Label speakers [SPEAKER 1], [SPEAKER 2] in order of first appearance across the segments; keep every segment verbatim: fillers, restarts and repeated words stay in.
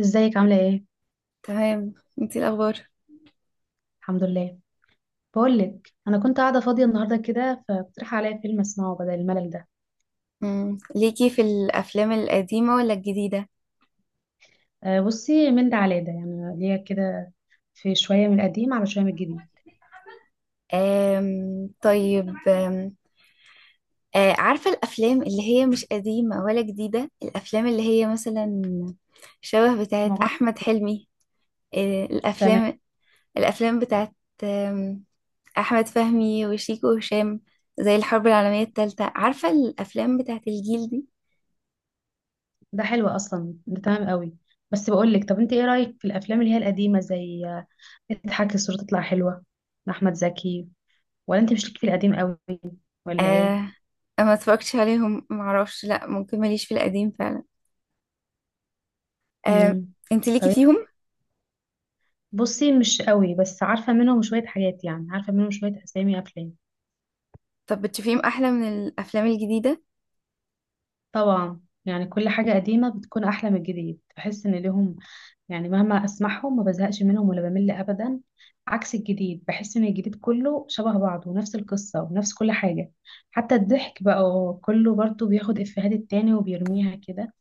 [SPEAKER 1] ازيك عاملة ايه؟
[SPEAKER 2] تمام. انتي إيه الاخبار؟
[SPEAKER 1] الحمد لله. بقولك انا كنت قاعدة فاضية النهاردة كده فاقترح عليا فيلم اسمعه بدل الملل ده.
[SPEAKER 2] مم. ليكي في الافلام القديمه ولا الجديده؟
[SPEAKER 1] أه، بصي من ده على ده يعني ليا كده. في شوية من القديم على شوية من الجديد
[SPEAKER 2] أم... طيب. أم... آه، عارفه الافلام اللي هي مش قديمه ولا جديده، الافلام اللي هي مثلا شبه
[SPEAKER 1] مع
[SPEAKER 2] بتاعت
[SPEAKER 1] بعض
[SPEAKER 2] احمد
[SPEAKER 1] كده.
[SPEAKER 2] حلمي. آه،
[SPEAKER 1] تمام.
[SPEAKER 2] الافلام. الافلام بتاعت أم... احمد فهمي وشيكو وهشام، زي الحرب العالميه الثالثه. عارفه الافلام بتاعت الجيل دي.
[SPEAKER 1] ده حلو اصلا، ده تمام قوي. بس بقولك، طب انت ايه رأيك في الافلام اللي هي القديمة زي آه، اضحك الصورة تطلع حلوة، احمد زكي؟ ولا انت مش ليك في القديم قوي ولا ايه؟
[SPEAKER 2] أه... ما اتفرجتش عليهم، معرفش، لا، ممكن ماليش في القديم فعلا. أه...
[SPEAKER 1] مم.
[SPEAKER 2] انت ليكي
[SPEAKER 1] طب
[SPEAKER 2] فيهم؟
[SPEAKER 1] بصي، مش قوي بس عارفة منهم شوية حاجات، يعني عارفة منهم شوية اسامي افلام.
[SPEAKER 2] طب بتشوفيهم أحلى من الأفلام الجديدة؟
[SPEAKER 1] طبعا يعني كل حاجة قديمة بتكون أحلى من الجديد، بحس إن ليهم يعني مهما أسمعهم ما بزهقش منهم ولا بمل أبدا. عكس الجديد، بحس إن الجديد كله شبه بعضه، ونفس القصة ونفس كل حاجة. حتى الضحك بقى هو كله برضه بياخد إفيهات التاني وبيرميها كده.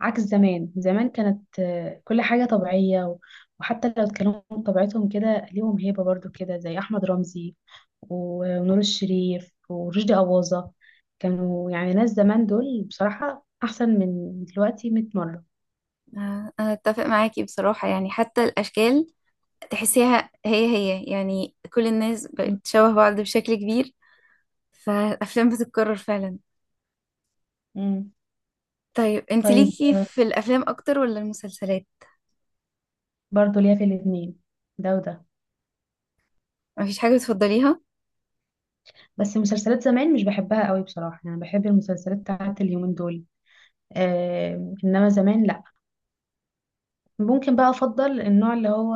[SPEAKER 1] عكس زمان، زمان كانت آه، كل حاجة طبيعية و- وحتى لو اتكلموا بطبيعتهم كده ليهم هيبة برضه كده، زي أحمد رمزي و- ونور الشريف ورشدي أباظة. كانوا يعني ناس، زمان دول بصراحة أحسن من دلوقتي 100 مرة.
[SPEAKER 2] آه، أنا أتفق معاكي بصراحة، يعني حتى الأشكال تحسيها هي هي، يعني كل الناس بقت
[SPEAKER 1] مم.
[SPEAKER 2] شبه بعض بشكل كبير، فالأفلام بتتكرر فعلا.
[SPEAKER 1] مم.
[SPEAKER 2] طيب، أنت
[SPEAKER 1] طيب،
[SPEAKER 2] ليكي في الأفلام أكتر ولا المسلسلات؟
[SPEAKER 1] برضو ليا في الاتنين، ده وده.
[SPEAKER 2] مفيش حاجة بتفضليها؟
[SPEAKER 1] بس مسلسلات زمان مش بحبها قوي بصراحة، يعني بحب المسلسلات بتاعت اليومين دول. آه، إنما زمان لأ. ممكن بقى أفضل النوع اللي هو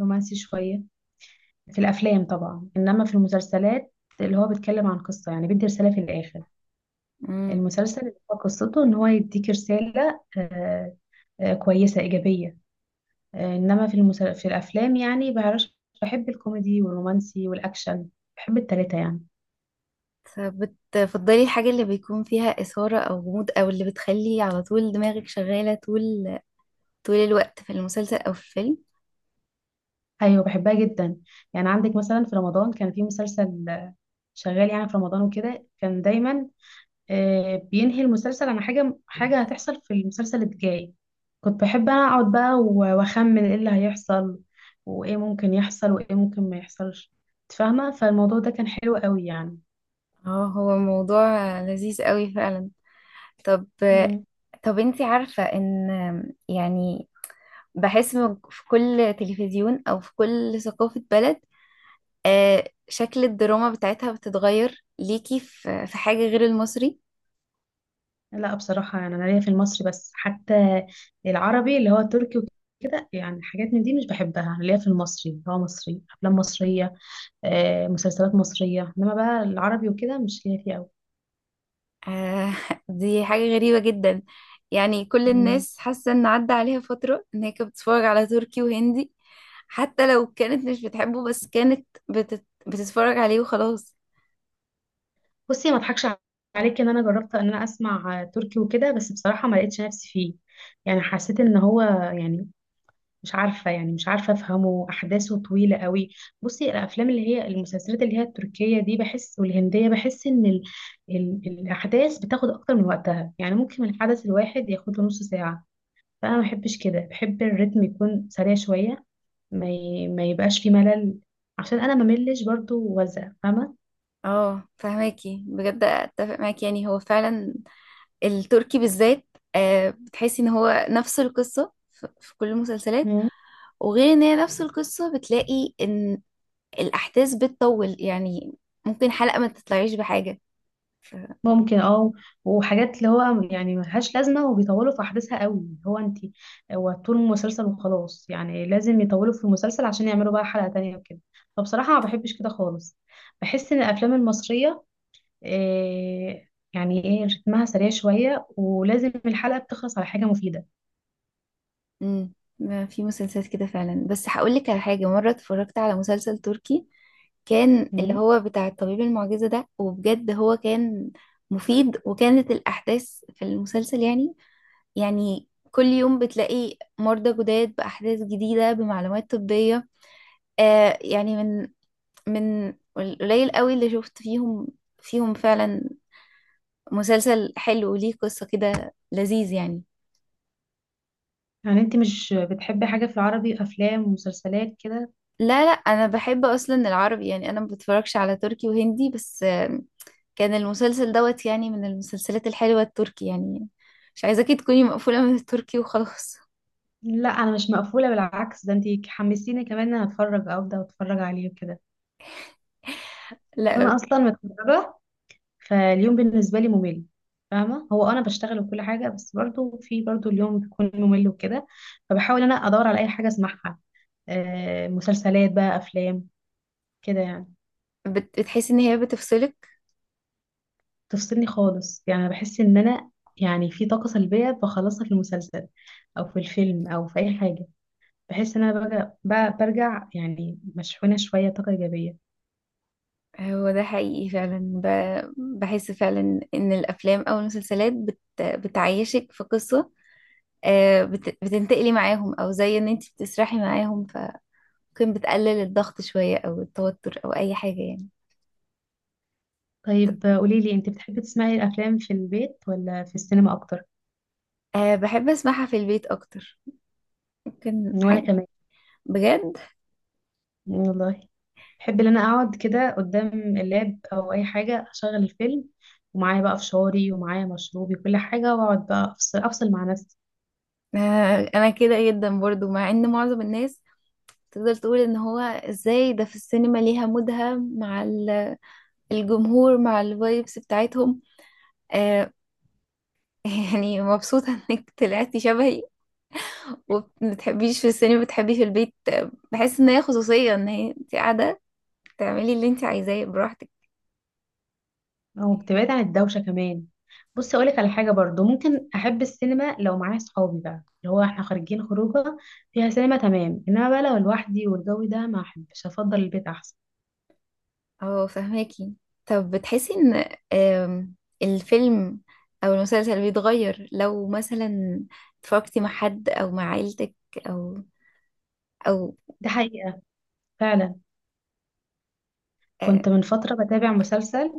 [SPEAKER 1] رومانسي شوية في الأفلام طبعا، إنما في المسلسلات اللي هو بيتكلم عن قصة يعني بيدي رسالة في الآخر.
[SPEAKER 2] مم.
[SPEAKER 1] المسلسل اللي هو قصته ان هو يديك رسالة آه، آه، كويسة إيجابية. آه، انما في المسل... في الافلام يعني بعرفش. بحب الكوميدي والرومانسي والاكشن، بحب التلاتة يعني.
[SPEAKER 2] طب بتفضلي الحاجة اللي بيكون فيها إثارة أو غموض أو اللي بتخلي على طول دماغك شغالة طول طول الوقت في المسلسل أو في الفيلم؟
[SPEAKER 1] ايوه، بحبها جدا. يعني عندك مثلا في رمضان كان في مسلسل آه، شغال يعني في رمضان وكده، كان دايما آه، بينهي المسلسل عن حاجة، حاجة هتحصل في المسلسل الجاي. كنت بحب انا اقعد بقى و- واخمن ايه اللي هيحصل، وايه ممكن يحصل وايه ممكن ما يحصلش. إنت فاهمة، فالموضوع ده كان حلو قوي يعني.
[SPEAKER 2] اه، هو موضوع لذيذ قوي فعلا. طب
[SPEAKER 1] مم.
[SPEAKER 2] طب انتي عارفة ان، يعني بحس من- في كل تلفزيون او في كل ثقافة بلد، آه، شكل الدراما بتاعتها بتتغير. ليكي في في حاجة غير المصري؟
[SPEAKER 1] لا بصراحة، يعني انا ليا في المصري بس. حتى العربي اللي هو التركي وكده، يعني حاجات من دي مش بحبها. أنا ليا في المصري، اللي هو مصري، افلام مصرية آه، مسلسلات مصرية. انما بقى العربي وكده مش ليا فيه
[SPEAKER 2] آه، دي حاجة غريبة جدا، يعني كل
[SPEAKER 1] قوي.
[SPEAKER 2] الناس حاسة ان عدى عليها فترة ان هي كانت بتتفرج على تركي وهندي، حتى لو كانت مش بتحبه، بس كانت بتت... بتتفرج عليه وخلاص.
[SPEAKER 1] بصي، ما اضحكش عليكي، ان انا جربت ان انا اسمع تركي وكده بس بصراحه ما لقيتش نفسي فيه. يعني حسيت ان هو، يعني مش عارفه، يعني مش عارفه افهمه، احداثه طويله قوي. بصي الافلام اللي هي المسلسلات اللي هي التركيه دي بحس، والهنديه بحس ان ال... ال... الاحداث بتاخد اكتر من وقتها. يعني ممكن الحدث الواحد ياخد له نص ساعه، فانا ما بحبش كده. بحب الريتم يكون سريع شويه، ما ي... ما يبقاش فيه ملل، عشان انا ما ملش برضو، وزق فاهمه.
[SPEAKER 2] اه فهماكي، بجد اتفق معاكي، يعني هو فعلا التركي بالذات. آه، بتحسي ان هو نفس القصة ف- في كل المسلسلات، وغير ان هي نفس القصة بتلاقي ان الاحداث بتطول، يعني ممكن حلقة ما تطلعيش بحاجة. ف...
[SPEAKER 1] ممكن، اه. وحاجات اللي هو يعني ملهاش لازمة وبيطولوا في أحداثها قوي، اللي هو انت، هو طول المسلسل وخلاص، يعني لازم يطولوا في المسلسل عشان يعملوا بقى حلقة تانية وكده. فبصراحة ما بحبش كده خالص. بحس إن الأفلام المصرية إيه، يعني ايه، رتمها سريع شوية، ولازم الحلقة بتخلص على حاجة مفيدة.
[SPEAKER 2] مم. ما في مسلسلات كده فعلا. بس هقولك على حاجة: مرة اتفرجت على مسلسل تركي كان اللي
[SPEAKER 1] مم.
[SPEAKER 2] هو بتاع الطبيب المعجزة ده، وبجد هو كان مفيد. وكانت الأحداث في المسلسل، يعني يعني كل يوم بتلاقي مرضى جداد بأحداث جديدة بمعلومات طبية. آه يعني من من القليل قوي اللي شفت فيهم، فيهم فعلا مسلسل حلو وليه قصة كده لذيذ يعني.
[SPEAKER 1] يعني انت مش بتحبي حاجة في العربي، أفلام ومسلسلات كده؟
[SPEAKER 2] لا لا، انا بحب اصلا العربي، يعني انا ما بتفرجش على تركي وهندي، بس آه كان المسلسل دوت، يعني من المسلسلات الحلوة التركي يعني. مش عايزاكي تكوني مقفولة من التركي وخلاص.
[SPEAKER 1] لا أنا مش مقفولة، بالعكس ده انت حمسيني كمان إن أنا أتفرج، أبدأ أتفرج عليه وكده. بس أنا
[SPEAKER 2] لا.
[SPEAKER 1] أصلا متفرجة، فاليوم بالنسبة لي ممل. فاهمة، هو أنا بشتغل وكل حاجة بس برضو في برضو اليوم بيكون ممل وكده. فبحاول أنا أدور على أي حاجة أسمعها، آه، مسلسلات بقى، أفلام، كده يعني.
[SPEAKER 2] بت- بتحسي ان هي بتفصلك؟
[SPEAKER 1] تفصلني خالص، يعني أنا بحس إن أنا يعني في طاقة سلبية بخلصها في المسلسل أو في الفيلم أو في أي حاجة. بحس إن أنا برجع, ب- برجع يعني مشحونة شوية، طاقة إيجابية.
[SPEAKER 2] هو ده حقيقي فعلا. ب- بحس فعلا ان الافلام او المسلسلات بت بتعيشك في قصة، آه، بت- بتنتقلي معاهم، او زي ان انت بتسرحي معاهم، فممكن بتقلل الضغط شوية او التوتر او اي حاجة يعني.
[SPEAKER 1] طيب آه، قوليلي، أنت بتحبي تسمعي الأفلام في البيت ولا في السينما أكتر؟
[SPEAKER 2] أه، بحب اسمعها في البيت اكتر. ممكن
[SPEAKER 1] وأنا
[SPEAKER 2] حاجة؟
[SPEAKER 1] كمان.
[SPEAKER 2] بجد.
[SPEAKER 1] والله، بحب ان انا اقعد كده قدام اللاب او اي حاجه، اشغل الفيلم ومعايا بقى فشاري ومعايا مشروبي كل حاجه، واقعد بقى افصل افصل مع نفسي.
[SPEAKER 2] أه، انا كده جدا برضو، مع ان معظم الناس تقدر تقول ان هو ازاي ده، في السينما ليها مودها مع ال- الجمهور، مع الفايبس بتاعتهم. أه يعني مبسوطة انك طلعتي شبهي وما بتحبيش في السينما، بتحبيش في البيت. آه، بحس ان هي خصوصية، ان هي انت قاعدة تعملي اللي انت عايزاه براحتك.
[SPEAKER 1] او بتبعد عن الدوشه كمان. بصي اقولك على حاجه برضو، ممكن احب السينما لو معايا صحابي بقى، اللي هو احنا خارجين خروجه فيها سينما، تمام. انما بقى لو لوحدي والجو ده، ما احبش، افضل البيت احسن.
[SPEAKER 2] اه فهماكي. طب بتحسي ان، آم، الفيلم او المسلسل بيتغير لو مثلا اتفرجتي مع حد او مع عيلتك او او
[SPEAKER 1] ده حقيقه فعلا.
[SPEAKER 2] آه،
[SPEAKER 1] كنت من فتره بتابع مسلسل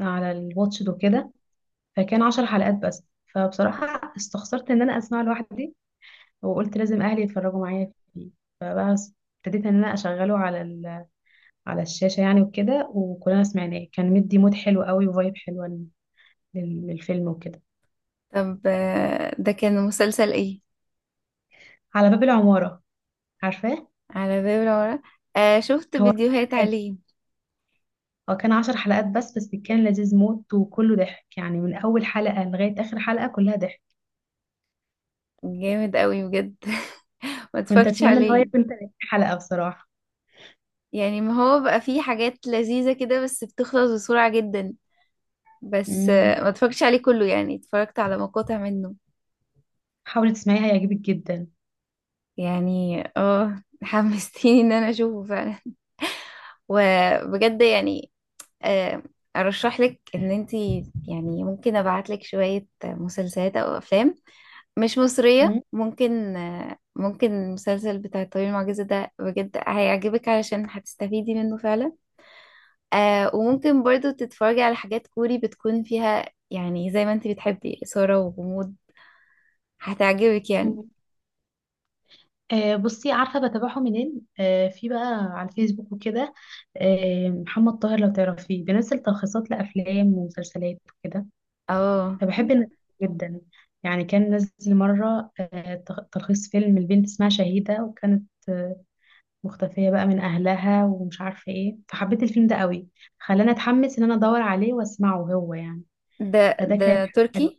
[SPEAKER 1] على الواتش دو كده، فكان عشر حلقات بس. فبصراحه استخسرت ان انا اسمع لوحدي، وقلت لازم اهلي يتفرجوا معايا فيه. فبقى س- ابتديت ان انا اشغله على ال... على الشاشه يعني وكده، وكلنا سمعناه، كان مدي مود حلو قوي وفايب حلوه لل... للفيلم وكده.
[SPEAKER 2] طب، آه، ده كان مسلسل ايه؟
[SPEAKER 1] على باب العماره، عارفاه؟
[SPEAKER 2] على باب العمارة. آه، شفت
[SPEAKER 1] هو
[SPEAKER 2] فيديوهات
[SPEAKER 1] حلقات،
[SPEAKER 2] عليه.
[SPEAKER 1] هو كان عشر حلقات بس بس كان لذيذ موت وكله ضحك، يعني من اول حلقه لغايه اخر حلقه كلها ضحك.
[SPEAKER 2] جامد قوي بجد. ما
[SPEAKER 1] كنت
[SPEAKER 2] اتفرجتش
[SPEAKER 1] اتمنى ان هو
[SPEAKER 2] عليه.
[SPEAKER 1] يكون تلاتين حلقه بصراحه.
[SPEAKER 2] يعني ما هو بقى فيه حاجات لذيذة كده بس بتخلص بسرعة جدا. بس
[SPEAKER 1] امم.
[SPEAKER 2] آه، ما اتفرجتش عليه كله، يعني اتفرجت على مقاطع منه.
[SPEAKER 1] حاولي تسمعيه، هيعجبك جدا.
[SPEAKER 2] يعني اه، حمستيني ان انا اشوفه فعلا، وبجد يعني. آه، ارشح لك ان انتي، يعني ممكن ابعت لك شوية مسلسلات او افلام مش مصرية. ممكن آه، ممكن المسلسل بتاع الطبيب المعجزة ده بجد هيعجبك، علشان هتستفيدي منه فعلا. آه، وممكن برضو تتفرجي على حاجات كوري بتكون فيها، يعني زي ما انتي بتحبي، إثارة وغموض، هتعجبك يعني.
[SPEAKER 1] مم. آه، بصي عارفة بتابعه منين؟ آه، في بقى على الفيسبوك وكده آه، محمد طاهر، لو تعرفيه بينزل تلخيصات لأفلام ومسلسلات وكده.
[SPEAKER 2] اه،
[SPEAKER 1] فبحب الناس دي جدا، يعني كان نزل مرة آه، تخ- تلخيص فيلم، البنت اسمها شهيدة، وكانت آه، مختفية بقى من أهلها ومش عارفة ايه، فحبيت الفيلم ده قوي، خلاني أتحمس إن أنا أدور عليه وأسمعه هو يعني.
[SPEAKER 2] ده
[SPEAKER 1] فده
[SPEAKER 2] ده
[SPEAKER 1] كانت حاجة
[SPEAKER 2] تركي؟
[SPEAKER 1] حلوة.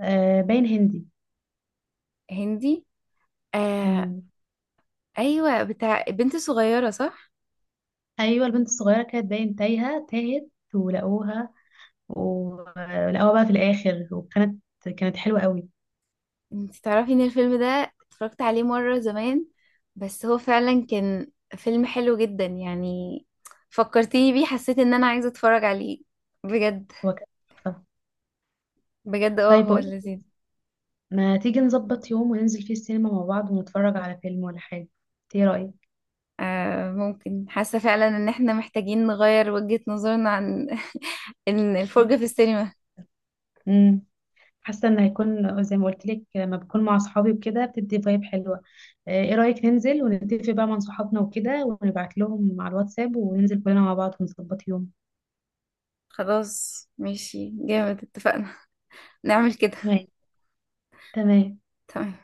[SPEAKER 1] آه، باين هندي.
[SPEAKER 2] هندي. آه،
[SPEAKER 1] مم.
[SPEAKER 2] ايوه، بتاع بنت صغيره صح؟
[SPEAKER 1] أيوة، البنت الصغيرة كانت باين تايهة، تاهت. ولقوها ولقوها بقى في الآخر، وكانت، كانت حلوة قوي.
[SPEAKER 2] انت تعرفي ان الفيلم ده اتفرجت عليه مره زمان. بس هو فعلا كان فيلم حلو جدا يعني. فكرتيني بيه، حسيت ان انا عايزه اتفرج عليه. بجد.
[SPEAKER 1] هو كان تحفة.
[SPEAKER 2] بجد، اه
[SPEAKER 1] طيب
[SPEAKER 2] هو
[SPEAKER 1] بقولك،
[SPEAKER 2] لذيذ.
[SPEAKER 1] ما تيجي نظبط يوم وننزل فيه السينما مع بعض ونتفرج على فيلم ولا حاجة؟ إنت ايه رأيك؟
[SPEAKER 2] آه ممكن، حاسه فعلا ان احنا محتاجين نغير وجهه نظرنا عن إن الفرجه في السينما.
[SPEAKER 1] امم. حاسة ان هيكون زي ما قلت لك، لما بكون مع صحابي وكده بتدي فايب حلوة. آه، ايه رأيك ننزل ونتفق بقى مع صحابنا وكده، ونبعت لهم على الواتساب، وننزل كلنا مع بعض ونظبط يوم.
[SPEAKER 2] خلاص، ماشي جامد، اتفقنا، نعمل كده.
[SPEAKER 1] تمام، تمام.
[SPEAKER 2] تمام.